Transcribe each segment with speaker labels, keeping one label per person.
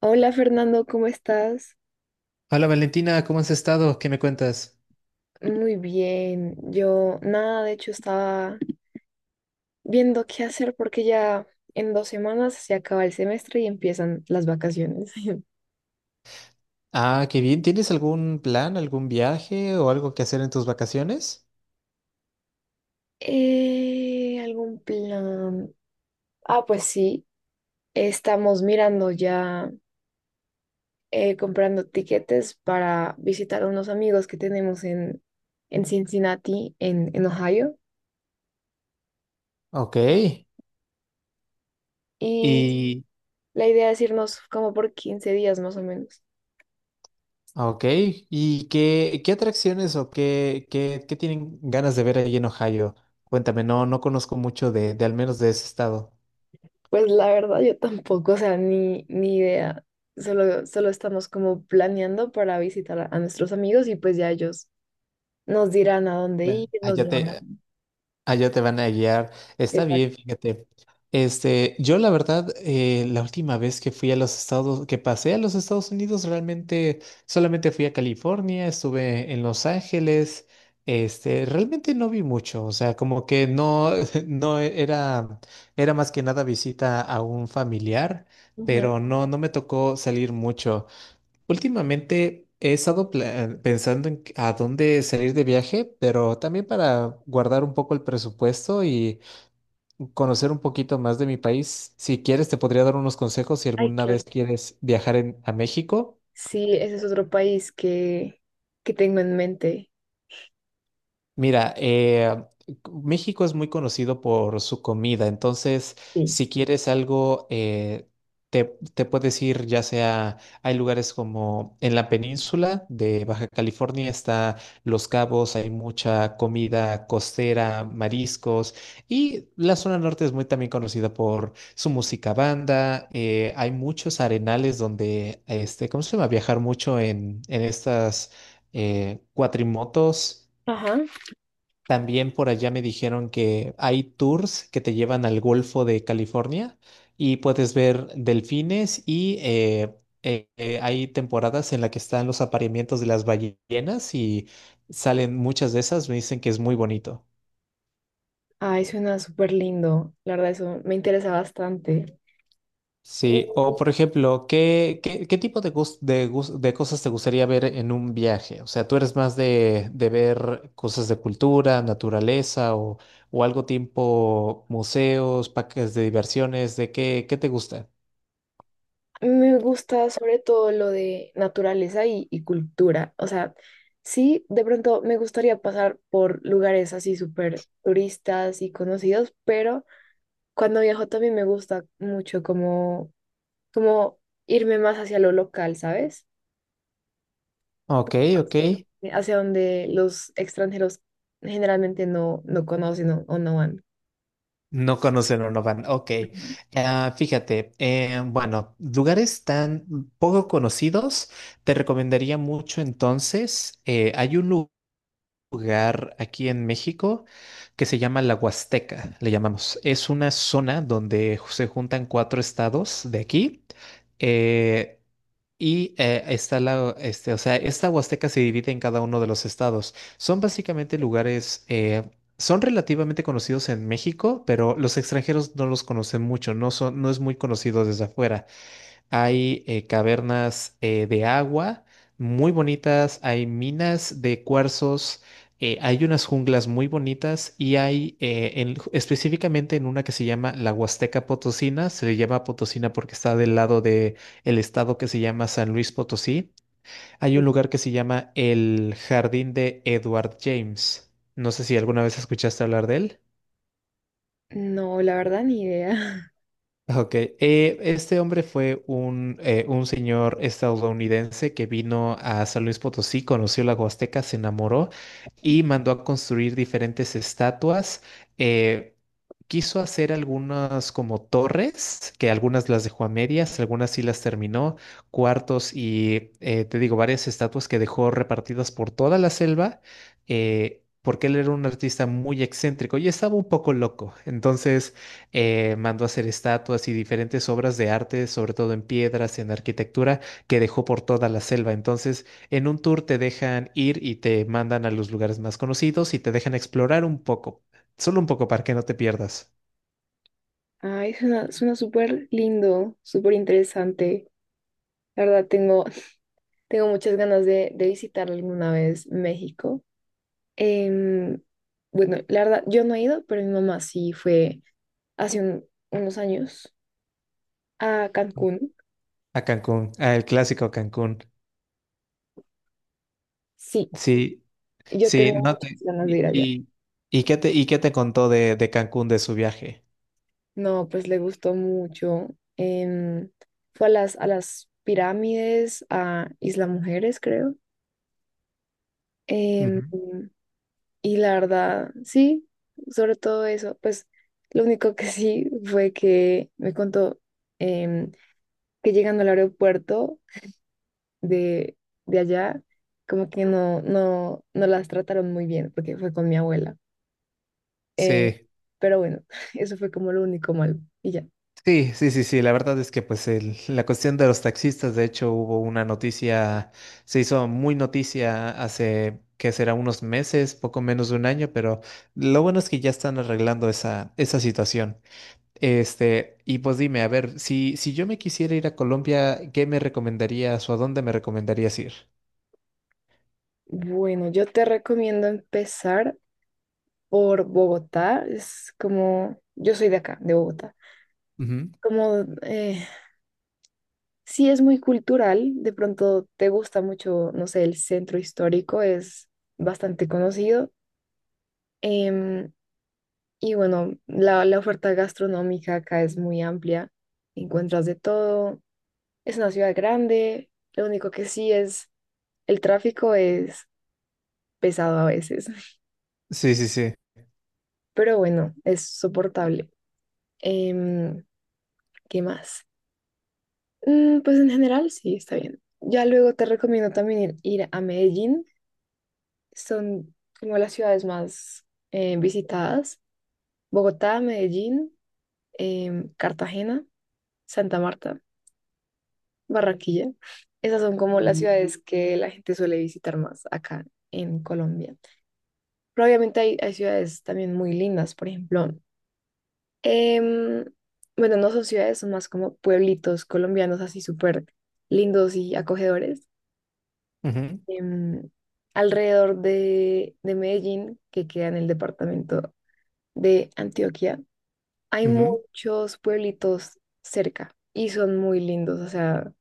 Speaker 1: Hola Fernando, ¿cómo estás?
Speaker 2: Hola Valentina, ¿cómo has estado? ¿Qué me cuentas?
Speaker 1: Muy bien. Yo nada, de hecho estaba viendo qué hacer porque ya en 2 semanas se acaba el semestre y empiezan las vacaciones.
Speaker 2: Ah, qué bien. ¿Tienes algún plan, algún viaje o algo que hacer en tus vacaciones?
Speaker 1: ¿Algún plan? Ah, pues sí, estamos mirando ya, comprando tiquetes para visitar a unos amigos que tenemos en Cincinnati, en Ohio.
Speaker 2: Ok.
Speaker 1: Y
Speaker 2: Y,
Speaker 1: la idea es irnos como por 15 días más o menos.
Speaker 2: ok. ¿Y qué atracciones o qué tienen ganas de ver ahí en Ohio? Cuéntame, no, no conozco mucho de al menos de ese estado.
Speaker 1: Pues la verdad yo tampoco, o sea, ni idea. Solo estamos como planeando para visitar a nuestros amigos y pues ya ellos nos dirán a dónde
Speaker 2: Ya.
Speaker 1: ir, nos llevarán.
Speaker 2: Allá te van a guiar. Está
Speaker 1: Exacto.
Speaker 2: bien, fíjate. Este, yo la verdad, la última vez que fui a los Estados, que pasé a los Estados Unidos, realmente solamente fui a California, estuve en Los Ángeles. Este, realmente no vi mucho, o sea, como que no, no era, era más que nada visita a un familiar,
Speaker 1: Ujú.
Speaker 2: pero no, no me tocó salir mucho. Últimamente he estado pensando a dónde salir de viaje, pero también para guardar un poco el presupuesto y conocer un poquito más de mi país. Si quieres, te podría dar unos consejos si
Speaker 1: Ay,
Speaker 2: alguna
Speaker 1: claro.
Speaker 2: vez quieres viajar a México.
Speaker 1: Sí, ese es otro país que tengo en mente.
Speaker 2: Mira, México es muy conocido por su comida, entonces
Speaker 1: Sí.
Speaker 2: si quieres algo, te, te puedes ir, ya sea, hay lugares como en la península de Baja California, está Los Cabos, hay mucha comida costera, mariscos, y la zona norte es muy también conocida por su música banda, hay muchos arenales donde, este, ¿cómo se llama? Viajar mucho en estas cuatrimotos.
Speaker 1: Ajá.
Speaker 2: También por allá me dijeron que hay tours que te llevan al Golfo de California y puedes ver delfines y hay temporadas en las que están los apareamientos de las ballenas y salen muchas de esas, me dicen que es muy bonito.
Speaker 1: Ay, suena súper lindo. La verdad, eso me interesa bastante.
Speaker 2: Sí, o por ejemplo, ¿qué tipo de cosas te gustaría ver en un viaje? O sea, ¿tú eres más de ver cosas de cultura, naturaleza o algo tipo museos, parques de diversiones? ¿De qué te gusta?
Speaker 1: Me gusta sobre todo lo de naturaleza y cultura. O sea, sí, de pronto me gustaría pasar por lugares así súper turistas y conocidos, pero cuando viajo también me gusta mucho como irme más hacia lo local, ¿sabes?
Speaker 2: Ok, ok.
Speaker 1: Hacia donde los extranjeros generalmente no conocen o no van.
Speaker 2: No conocen o no van. Ok.
Speaker 1: Ujú.
Speaker 2: Ah, fíjate, bueno, lugares tan poco conocidos, te recomendaría mucho entonces. Hay un lugar. Lugar aquí en México que se llama la Huasteca, le llamamos. Es una zona donde se juntan cuatro estados de aquí. eh, está la, este, o sea, esta Huasteca se divide en cada uno de los estados. Son básicamente lugares, son relativamente conocidos en México, pero los extranjeros no los conocen mucho, no son, no es muy conocido desde afuera. Hay cavernas de agua muy bonitas, hay minas de cuarzos, hay unas junglas muy bonitas y hay específicamente en una que se llama la Huasteca Potosina, se llama Potosina porque está del lado de el estado que se llama San Luis Potosí. Hay un lugar que se llama el Jardín de Edward James. No sé si alguna vez escuchaste hablar de él.
Speaker 1: No, la verdad, ni idea.
Speaker 2: Ok, este hombre fue un señor estadounidense que vino a San Luis Potosí, conoció la Huasteca, se enamoró y mandó a construir diferentes estatuas. eh, Quiso hacer algunas como torres, que algunas las dejó a medias, algunas sí las terminó, cuartos y te digo, varias estatuas que dejó repartidas por toda la selva, porque él era un artista muy excéntrico y estaba un poco loco. Entonces mandó a hacer estatuas y diferentes obras de arte, sobre todo en piedras, en arquitectura, que dejó por toda la selva. Entonces, en un tour te dejan ir y te mandan a los lugares más conocidos y te dejan explorar un poco. Solo un poco para que no te pierdas.
Speaker 1: Ay, suena súper lindo, súper interesante. La verdad, tengo muchas ganas de visitar alguna vez México. Em, bueno, la verdad, yo no he ido, pero mi mamá sí fue hace un- unos años a Cancún.
Speaker 2: A Cancún, a el clásico Cancún.
Speaker 1: Sí,
Speaker 2: Sí,
Speaker 1: yo
Speaker 2: sí,
Speaker 1: tengo
Speaker 2: no
Speaker 1: muchas
Speaker 2: te...
Speaker 1: ganas de
Speaker 2: ¿Y,
Speaker 1: ir allá.
Speaker 2: y qué te, y qué te contó de Cancún, de su viaje?
Speaker 1: No, pues le gustó mucho. Em, Fue a a las pirámides, a Isla Mujeres, creo. Em,
Speaker 2: Ujú.
Speaker 1: y la verdad, sí, sobre todo eso, pues lo único que sí fue que me contó, em, que llegando al aeropuerto de, de allá, como que no las trataron muy bien porque fue con mi abuela. Eh,
Speaker 2: Sí,
Speaker 1: pero bueno, eso fue como lo único malo. Y ya.
Speaker 2: sí, sí, sí, sí. La verdad es que pues la cuestión de los taxistas, de hecho, hubo una noticia, se hizo muy noticia hace, que será unos meses, poco menos de un año, pero lo bueno es que ya están arreglando esa, esa situación. Este, y pues dime, a ver, si yo me quisiera ir a Colombia, ¿qué me recomendarías o a dónde me recomendarías ir?
Speaker 1: Bueno, yo te recomiendo empezar por Bogotá. Es como, yo soy de acá, de Bogotá.
Speaker 2: Ujú,
Speaker 1: Como, eh, sí es muy cultural, de pronto te gusta mucho, no sé, el centro histórico es bastante conocido. Em, Y bueno, la oferta gastronómica acá es muy amplia, encuentras de todo, es una ciudad grande, lo único que sí es, el tráfico es pesado a veces,
Speaker 2: sí, sí, sí.
Speaker 1: pero bueno, es soportable. Em, ¿Qué más? Mm, pues en general sí, está bien. Ya luego te recomiendo también ir a Medellín, son como las ciudades más visitadas, Bogotá, Medellín, Cartagena, Santa Marta. Barranquilla. Esas son como las ciudades que la gente suele visitar más acá en Colombia. Pero obviamente hay ciudades también muy lindas, por ejemplo. em, bueno, no son ciudades, son más como pueblitos colombianos así súper lindos y acogedores.
Speaker 2: Ujú,
Speaker 1: em, Alrededor de Medellín, que queda en el departamento de Antioquia, hay
Speaker 2: ujú,
Speaker 1: muchos pueblitos cerca y son muy lindos, o sea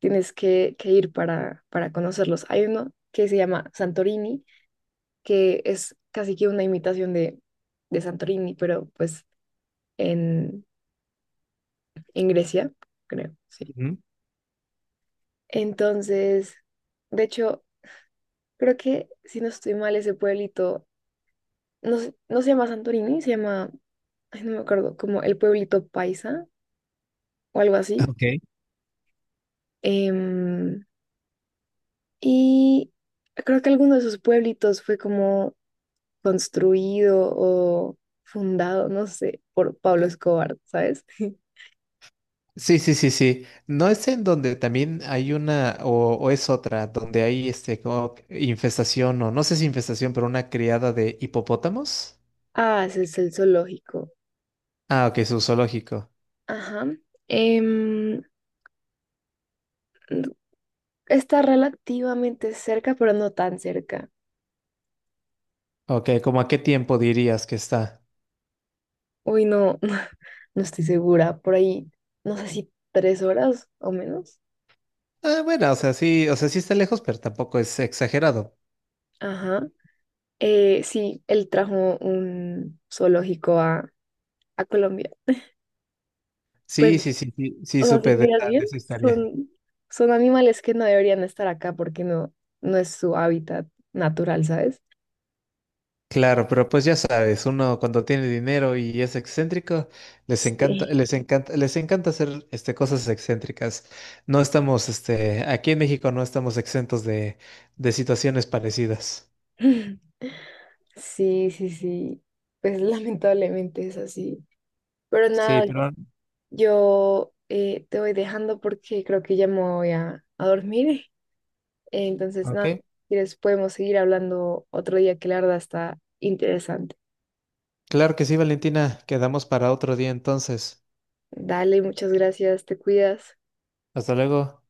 Speaker 1: tienes que ir para conocerlos. Hay uno que se llama Santorini, que es casi que una imitación de Santorini, pero pues en, en Grecia, creo, sí.
Speaker 2: ujú.
Speaker 1: Entonces, de hecho, creo que si no estoy mal, ese pueblito no se llama Santorini, se llama, ay, no me acuerdo, como el pueblito Paisa o algo así.
Speaker 2: Ok.
Speaker 1: Em, y creo que alguno de esos pueblitos fue como construido o fundado, no sé, por Pablo Escobar, ¿sabes?
Speaker 2: Sí, sí, sí, sí. ¿No es en donde también hay una o es otra, donde hay este como infestación o no sé si infestación, pero una criada de hipopótamos?
Speaker 1: Ah, ese es el zoológico.
Speaker 2: Ah, ok, su zoológico.
Speaker 1: Ajá. Em, Está relativamente cerca, pero no tan cerca.
Speaker 2: Ok, ¿cómo a qué tiempo dirías que está?
Speaker 1: Uy, no, no estoy segura. Por ahí, no sé si 3 horas o menos.
Speaker 2: Ah, bueno, o sea, sí está lejos, pero tampoco es exagerado.
Speaker 1: Ajá. Sí, él trajo un zoológico a Colombia.
Speaker 2: Sí,
Speaker 1: Pues
Speaker 2: sí, sí, sí, sí,
Speaker 1: O sea, si
Speaker 2: supe
Speaker 1: miras bien,
Speaker 2: de esa historia.
Speaker 1: son, son animales que no deberían estar acá porque no es su hábitat natural, ¿sabes?
Speaker 2: Claro, pero pues ya sabes, uno cuando tiene dinero y es excéntrico, les encanta,
Speaker 1: Sí.
Speaker 2: les encanta, les encanta hacer este, cosas excéntricas. No estamos, este, aquí en México no estamos exentos de situaciones parecidas.
Speaker 1: Sí, sí, sí. Pues lamentablemente es así. Pero
Speaker 2: Sí,
Speaker 1: nada,
Speaker 2: pero...
Speaker 1: yo te voy dejando porque creo que ya me voy a dormir. Entonces,
Speaker 2: Ok.
Speaker 1: nada, si quieres podemos seguir hablando otro día que la verdad está interesante.
Speaker 2: Claro que sí, Valentina. Quedamos para otro día entonces.
Speaker 1: Dale, muchas gracias, te cuidas.
Speaker 2: Hasta luego.